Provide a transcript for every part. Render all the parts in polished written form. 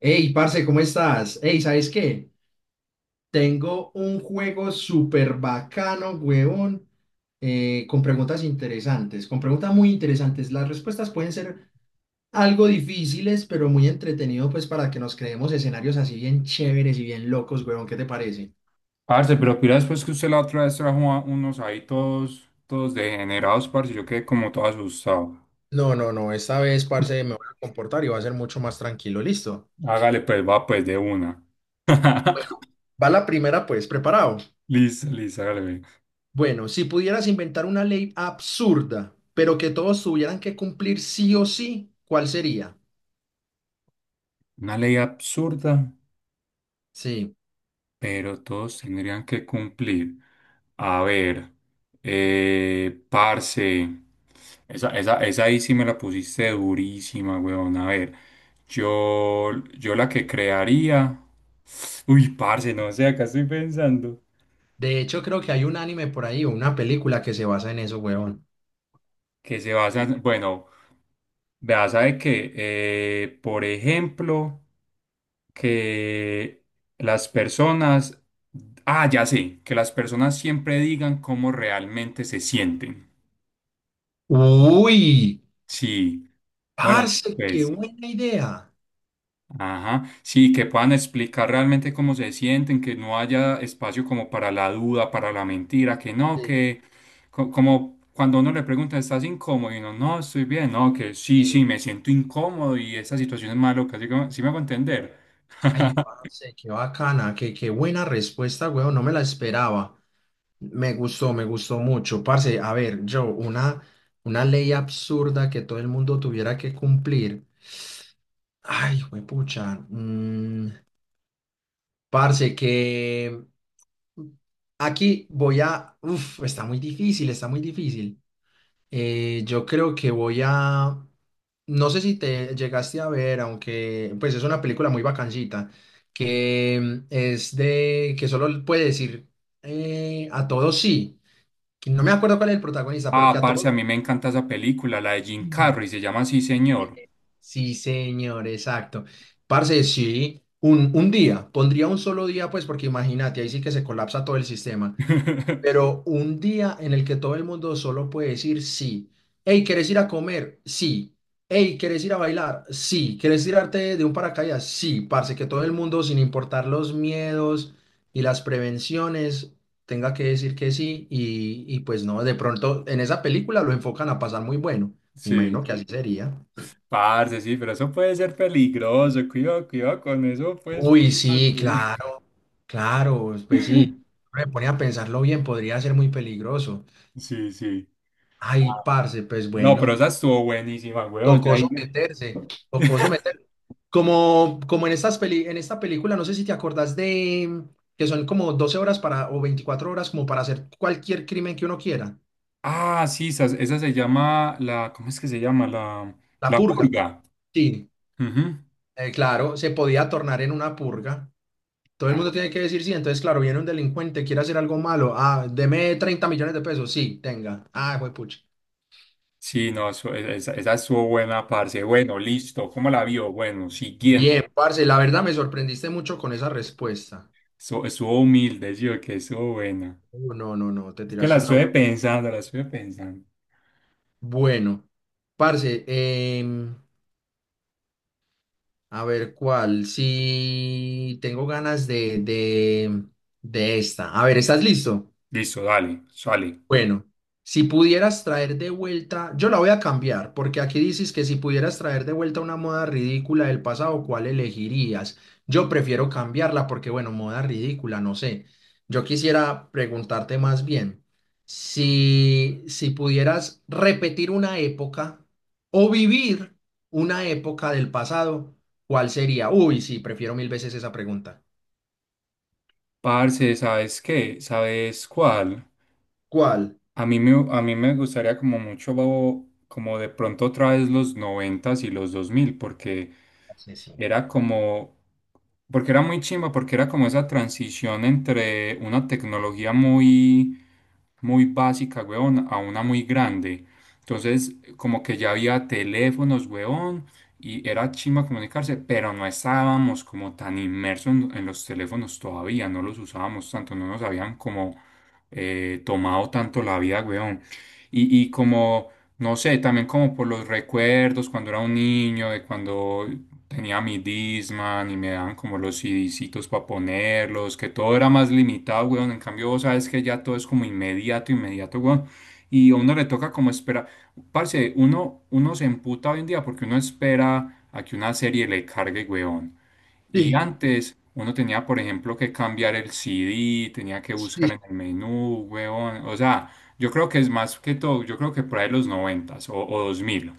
Hey, parce, ¿cómo estás? Hey, ¿sabes qué? Tengo un juego súper bacano, huevón, con preguntas interesantes, con preguntas muy interesantes. Las respuestas pueden ser algo difíciles, pero muy entretenido, pues, para que nos creemos escenarios así bien chéveres y bien locos, huevón. ¿Qué te parece? Parce, pero pira después que usted la otra vez trajo unos ahí todos degenerados, parce, yo quedé como todo asustado. No, no, no, esta vez, parce, me voy a comportar y va a ser mucho más tranquilo, listo. Hágale pues, va pues de una. Bueno. Va la primera, pues, preparado. Listo, listo, hágale, ve. Bueno, si pudieras inventar una ley absurda, pero que todos tuvieran que cumplir sí o sí, ¿cuál sería? Una ley absurda, Sí. pero todos tendrían que cumplir. A ver, parce, esa ahí sí me la pusiste durísima, weón. A ver, yo, yo la que crearía. Uy, parce, no sé, acá estoy pensando. De hecho, creo que hay un anime por ahí o una película que se basa en eso, weón. Que se basa, bueno. Vea, sabe que, por ejemplo, que las personas, ah, ya sé, que las personas siempre digan cómo realmente se sienten. Uy, Sí, hola, parce, qué pues, buena idea. ajá, sí, que puedan explicar realmente cómo se sienten, que no haya espacio como para la duda, para la mentira, que no, Sí, que como cuando uno le pregunta, ¿estás incómodo? Y uno, no, estoy bien, no, que sí, sí, sí. me siento incómodo y esta situación es malo, casi como, sí me hago entender. Ay, parce, qué bacana, qué buena respuesta, weón. No me la esperaba. Me gustó mucho. Parce, a ver, yo, una ley absurda que todo el mundo tuviera que cumplir. Ay, pucha. Parce, que aquí voy a... Uf, está muy difícil, está muy difícil. Yo creo que voy a... No sé si te llegaste a ver, aunque pues es una película muy bacancita, que es de... que solo puede decir a todos sí. que No me acuerdo cuál es el protagonista, pero que Ah, a parce, todos... a mí me encanta esa película, la de Jim sí. Carrey, se llama Sí, señor. Sí, señor, exacto. Parce, sí, un día, pondría un solo día, pues porque imagínate, ahí sí que se colapsa todo el sistema. Pero un día en el que todo el mundo solo puede decir sí. Hey, ¿quieres ir a comer? Sí. Hey, ¿quieres ir a bailar? Sí. ¿Quieres tirarte de un paracaídas? Sí, parce, que todo el mundo, sin importar los miedos y las prevenciones, tenga que decir que sí. Y pues no, de pronto en esa película lo enfocan a pasar muy bueno. Me imagino Sí, que así sería. parce, sí, pero eso puede ser peligroso. Cuidado, cuidado con eso, pues, Uy, parce. sí, claro, claro, pues sí. Me pone a pensarlo bien, podría ser muy peligroso. Sí, sí. Ay, Ah, parce, pues no, pero bueno. esa estuvo buenísima, weón. Ya Tocó ahí someterse, tocó someterse. Como en estas en esta película, no sé si te acordás de que son como 12 horas para, o 24 horas como para hacer cualquier crimen que uno quiera. Ah, sí, esa se llama la, ¿cómo es que se llama? La, La la purga. purga. Sí, Ujú. Claro, se podía tornar en una purga. Todo el mundo tiene que decir sí. Entonces, claro, viene un delincuente, quiere hacer algo malo. Ah, deme 30 millones de pesos. Sí, tenga. Ah, pucha. Sí, no, esa, esa estuvo buena, parce. Bueno, listo. ¿Cómo la vio? Bueno, siguiente. Bien, parce, la verdad me sorprendiste mucho con esa respuesta. Estuvo, estuvo humilde, sí, que estuvo buena. No, no, no, no, te Es que la tiraste una. estuve pensando, la estuve pensando. Bueno, parce, a ver cuál. Si tengo ganas de, esta. A ver, ¿estás listo? Listo, dale, sale. Bueno, si pudieras traer de vuelta, yo la voy a cambiar, porque aquí dices que si pudieras traer de vuelta una moda ridícula del pasado, ¿cuál elegirías? Yo prefiero cambiarla porque, bueno, moda ridícula, no sé. Yo quisiera preguntarte más bien, si pudieras repetir una época o vivir una época del pasado, ¿cuál sería? Uy, sí, prefiero mil veces esa pregunta. Parce, ¿sabes qué? ¿Sabes cuál? ¿Cuál? A mí me gustaría como mucho, como de pronto otra vez los noventas y los dos mil, porque Sí, sí. era como, porque era muy chimba, porque era como esa transición entre una tecnología muy, muy básica, weón, a una muy grande. Entonces, como que ya había teléfonos, weón, y era chimba comunicarse, pero no estábamos como tan inmersos en los teléfonos todavía, no los usábamos tanto, no nos habían como tomado tanto la vida, weón. Y como, no sé, también como por los recuerdos cuando era un niño, de cuando tenía mi Discman y me daban como los CDcitos para ponerlos, que todo era más limitado, weón. En cambio, vos sabes que ya todo es como inmediato, inmediato, weón. Y a uno le toca como esperar. Parce, uno se emputa hoy en día porque uno espera a que una serie le cargue, weón. Y Sí, antes uno tenía, por ejemplo, que cambiar el CD, tenía que buscar sí. en el menú, weón. O sea, yo creo que es más que todo, yo creo que por ahí los noventas o dos mil.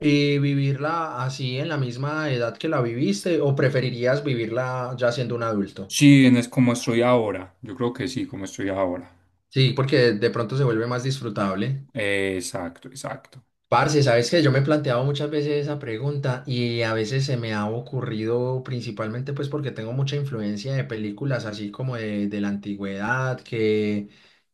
¿Y vivirla así en la misma edad que la viviste o preferirías vivirla ya siendo un adulto? Sí, en es como estoy ahora. Yo creo que sí, como estoy ahora. Sí, porque de pronto se vuelve más disfrutable. Exacto, exacto. Parce, sabes que yo me he planteado muchas veces esa pregunta y a veces se me ha ocurrido principalmente pues porque tengo mucha influencia de películas así como de la antigüedad, que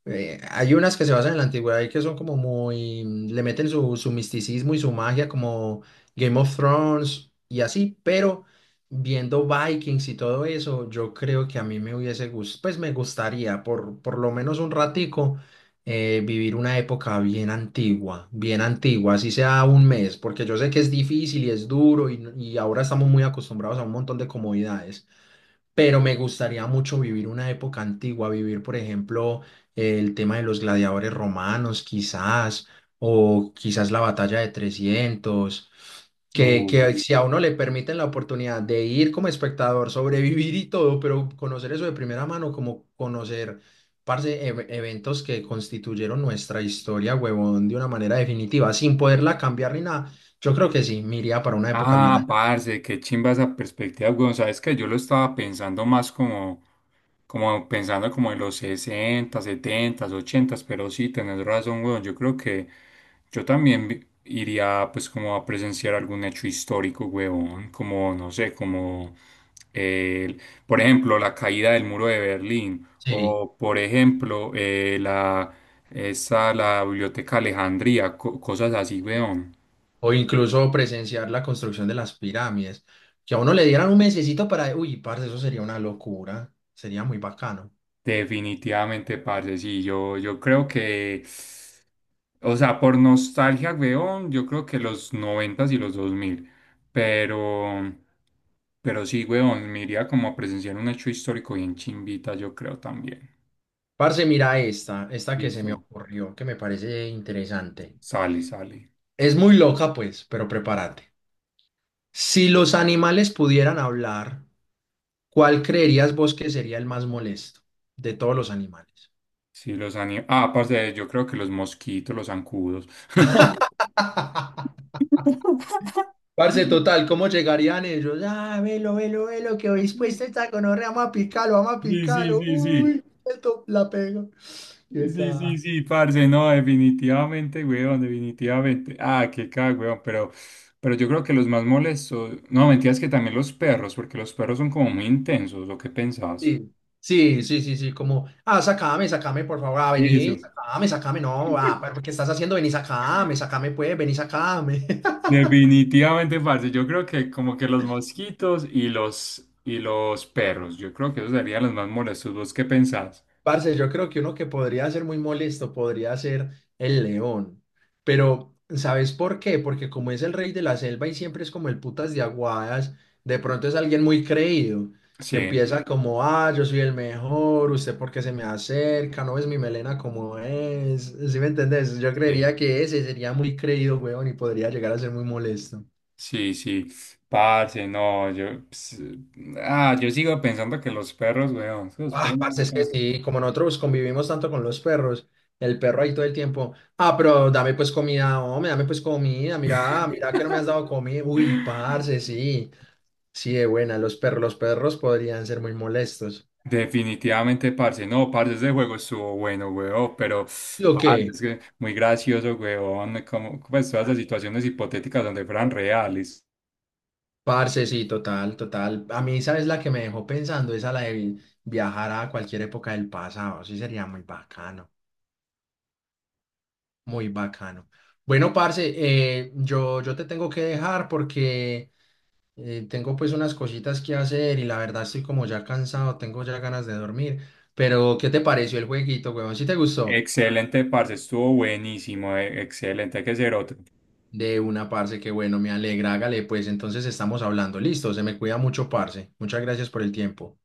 hay unas que se basan en la antigüedad y que son como muy, le meten su misticismo y su magia como Game of Thrones y así, pero viendo Vikings y todo eso, yo creo que a mí me hubiese gustado, pues me gustaría por lo menos un ratico vivir una época bien antigua, así sea un mes, porque yo sé que es difícil y es duro y ahora estamos muy acostumbrados a un montón de comodidades, pero me gustaría mucho vivir una época antigua, vivir, por ejemplo, el tema de los gladiadores romanos, quizás, o quizás la batalla de 300 que, Uh. que si a uno le permiten la oportunidad de ir como espectador, sobrevivir y todo, pero conocer eso de primera mano, como conocer, parce, eventos que constituyeron nuestra historia, huevón, de una manera definitiva, sin poderla cambiar ni nada, yo creo que sí, me iría para una época bien. Ah, parce, qué chimba esa perspectiva, weón. Sabes que yo lo estaba pensando más como pensando como en los 60, 70, 80, pero sí, tenés razón, weón. Yo creo que iría pues como a presenciar algún hecho histórico, weón, como, no sé, como, el- por ejemplo, la caída del muro de Berlín Sí. o, por ejemplo, la, esa, la Biblioteca Alejandría, cosas así, weón. O incluso presenciar la construcción de las pirámides. Que a uno le dieran un mesecito para, uy, parce, eso sería una locura. Sería muy bacano. Definitivamente, parce, sí, yo creo que... O sea, por nostalgia, weón, yo creo que los 90 y los 2000. Pero, pero sí, weón, me iría como a presenciar un hecho histórico bien chimbita, yo creo también. Parce, mira esta, que se me Listo. ocurrió, que me parece interesante. Sale, sale. Es muy loca, pues, pero prepárate. Si los animales pudieran hablar, ¿cuál creerías vos que sería el más molesto de todos los animales? Sí, los anim... Ah, aparte, yo creo que los mosquitos, los zancudos. Parce, total, ¿cómo llegarían ellos? Ah, velo, velo, velo, que hoy puesta esta gonorrea, vamos a picarlo, vamos a Sí, sí, picarlo. sí, sí. Uy, esto la pego. Qué Sí, sí, caja. sí, parce, no, definitivamente, weón, definitivamente. Ah, qué cago, weón, pero yo creo que los más molestos, no, mentiras que también los perros, porque los perros son como muy intensos, ¿o qué pensás? Sí, sí, sí, sí, sí, como, ah, sacame, sacame, por favor, ah, Eso. vení, sacame, sacame, no, ah, pero ¿qué estás haciendo? Vení, sacame, sacame, pues, vení, sacame. Definitivamente, parce, yo creo que como que los mosquitos y los perros, yo creo que esos serían los más molestos, ¿vos qué pensás? Parce, yo creo que uno que podría ser muy molesto podría ser el león. Pero, ¿sabes por qué? Porque como es el rey de la selva y siempre es como el putas de aguadas, de pronto es alguien muy creído, que Sí, empieza como, ah, yo soy el mejor, usted porque se me acerca, no ves mi melena como es. ¿Sí me entendés? Yo creería sí, que ese sería muy creído, huevón, y podría llegar a ser muy molesto. sí, sí, parce, no, ah, yo sigo pensando que los perros, weón, esos Ah, perros. parce, es que Ah. sí, como nosotros convivimos tanto con los perros, el perro ahí todo el tiempo. Ah, pero dame pues comida, hombre, dame pues comida. Mira, mira que no me has dado comida. Uy, parce, sí. Sí, de buena, los perros podrían ser muy molestos. Definitivamente, parce. No, parce, ese juego estuvo bueno, weón, pero, ¿Lo parce, qué? es que muy gracioso, weón, como, pues, todas las situaciones hipotéticas donde fueran reales. Parce, sí, total, total. A mí, ¿sabes la que me dejó pensando? Esa la de viajar a cualquier época del pasado. Sí, sería muy bacano, muy bacano. Bueno, parce, yo te tengo que dejar porque. Tengo pues unas cositas que hacer y la verdad estoy como ya cansado, tengo ya ganas de dormir. Pero, ¿qué te pareció el jueguito, huevón? ¿Sí te gustó? Excelente, parce, estuvo buenísimo, excelente, hay que ser otro. De una, parce, que bueno, me alegra, hágale, pues entonces estamos hablando. Listo, se me cuida mucho, parce. Muchas gracias por el tiempo.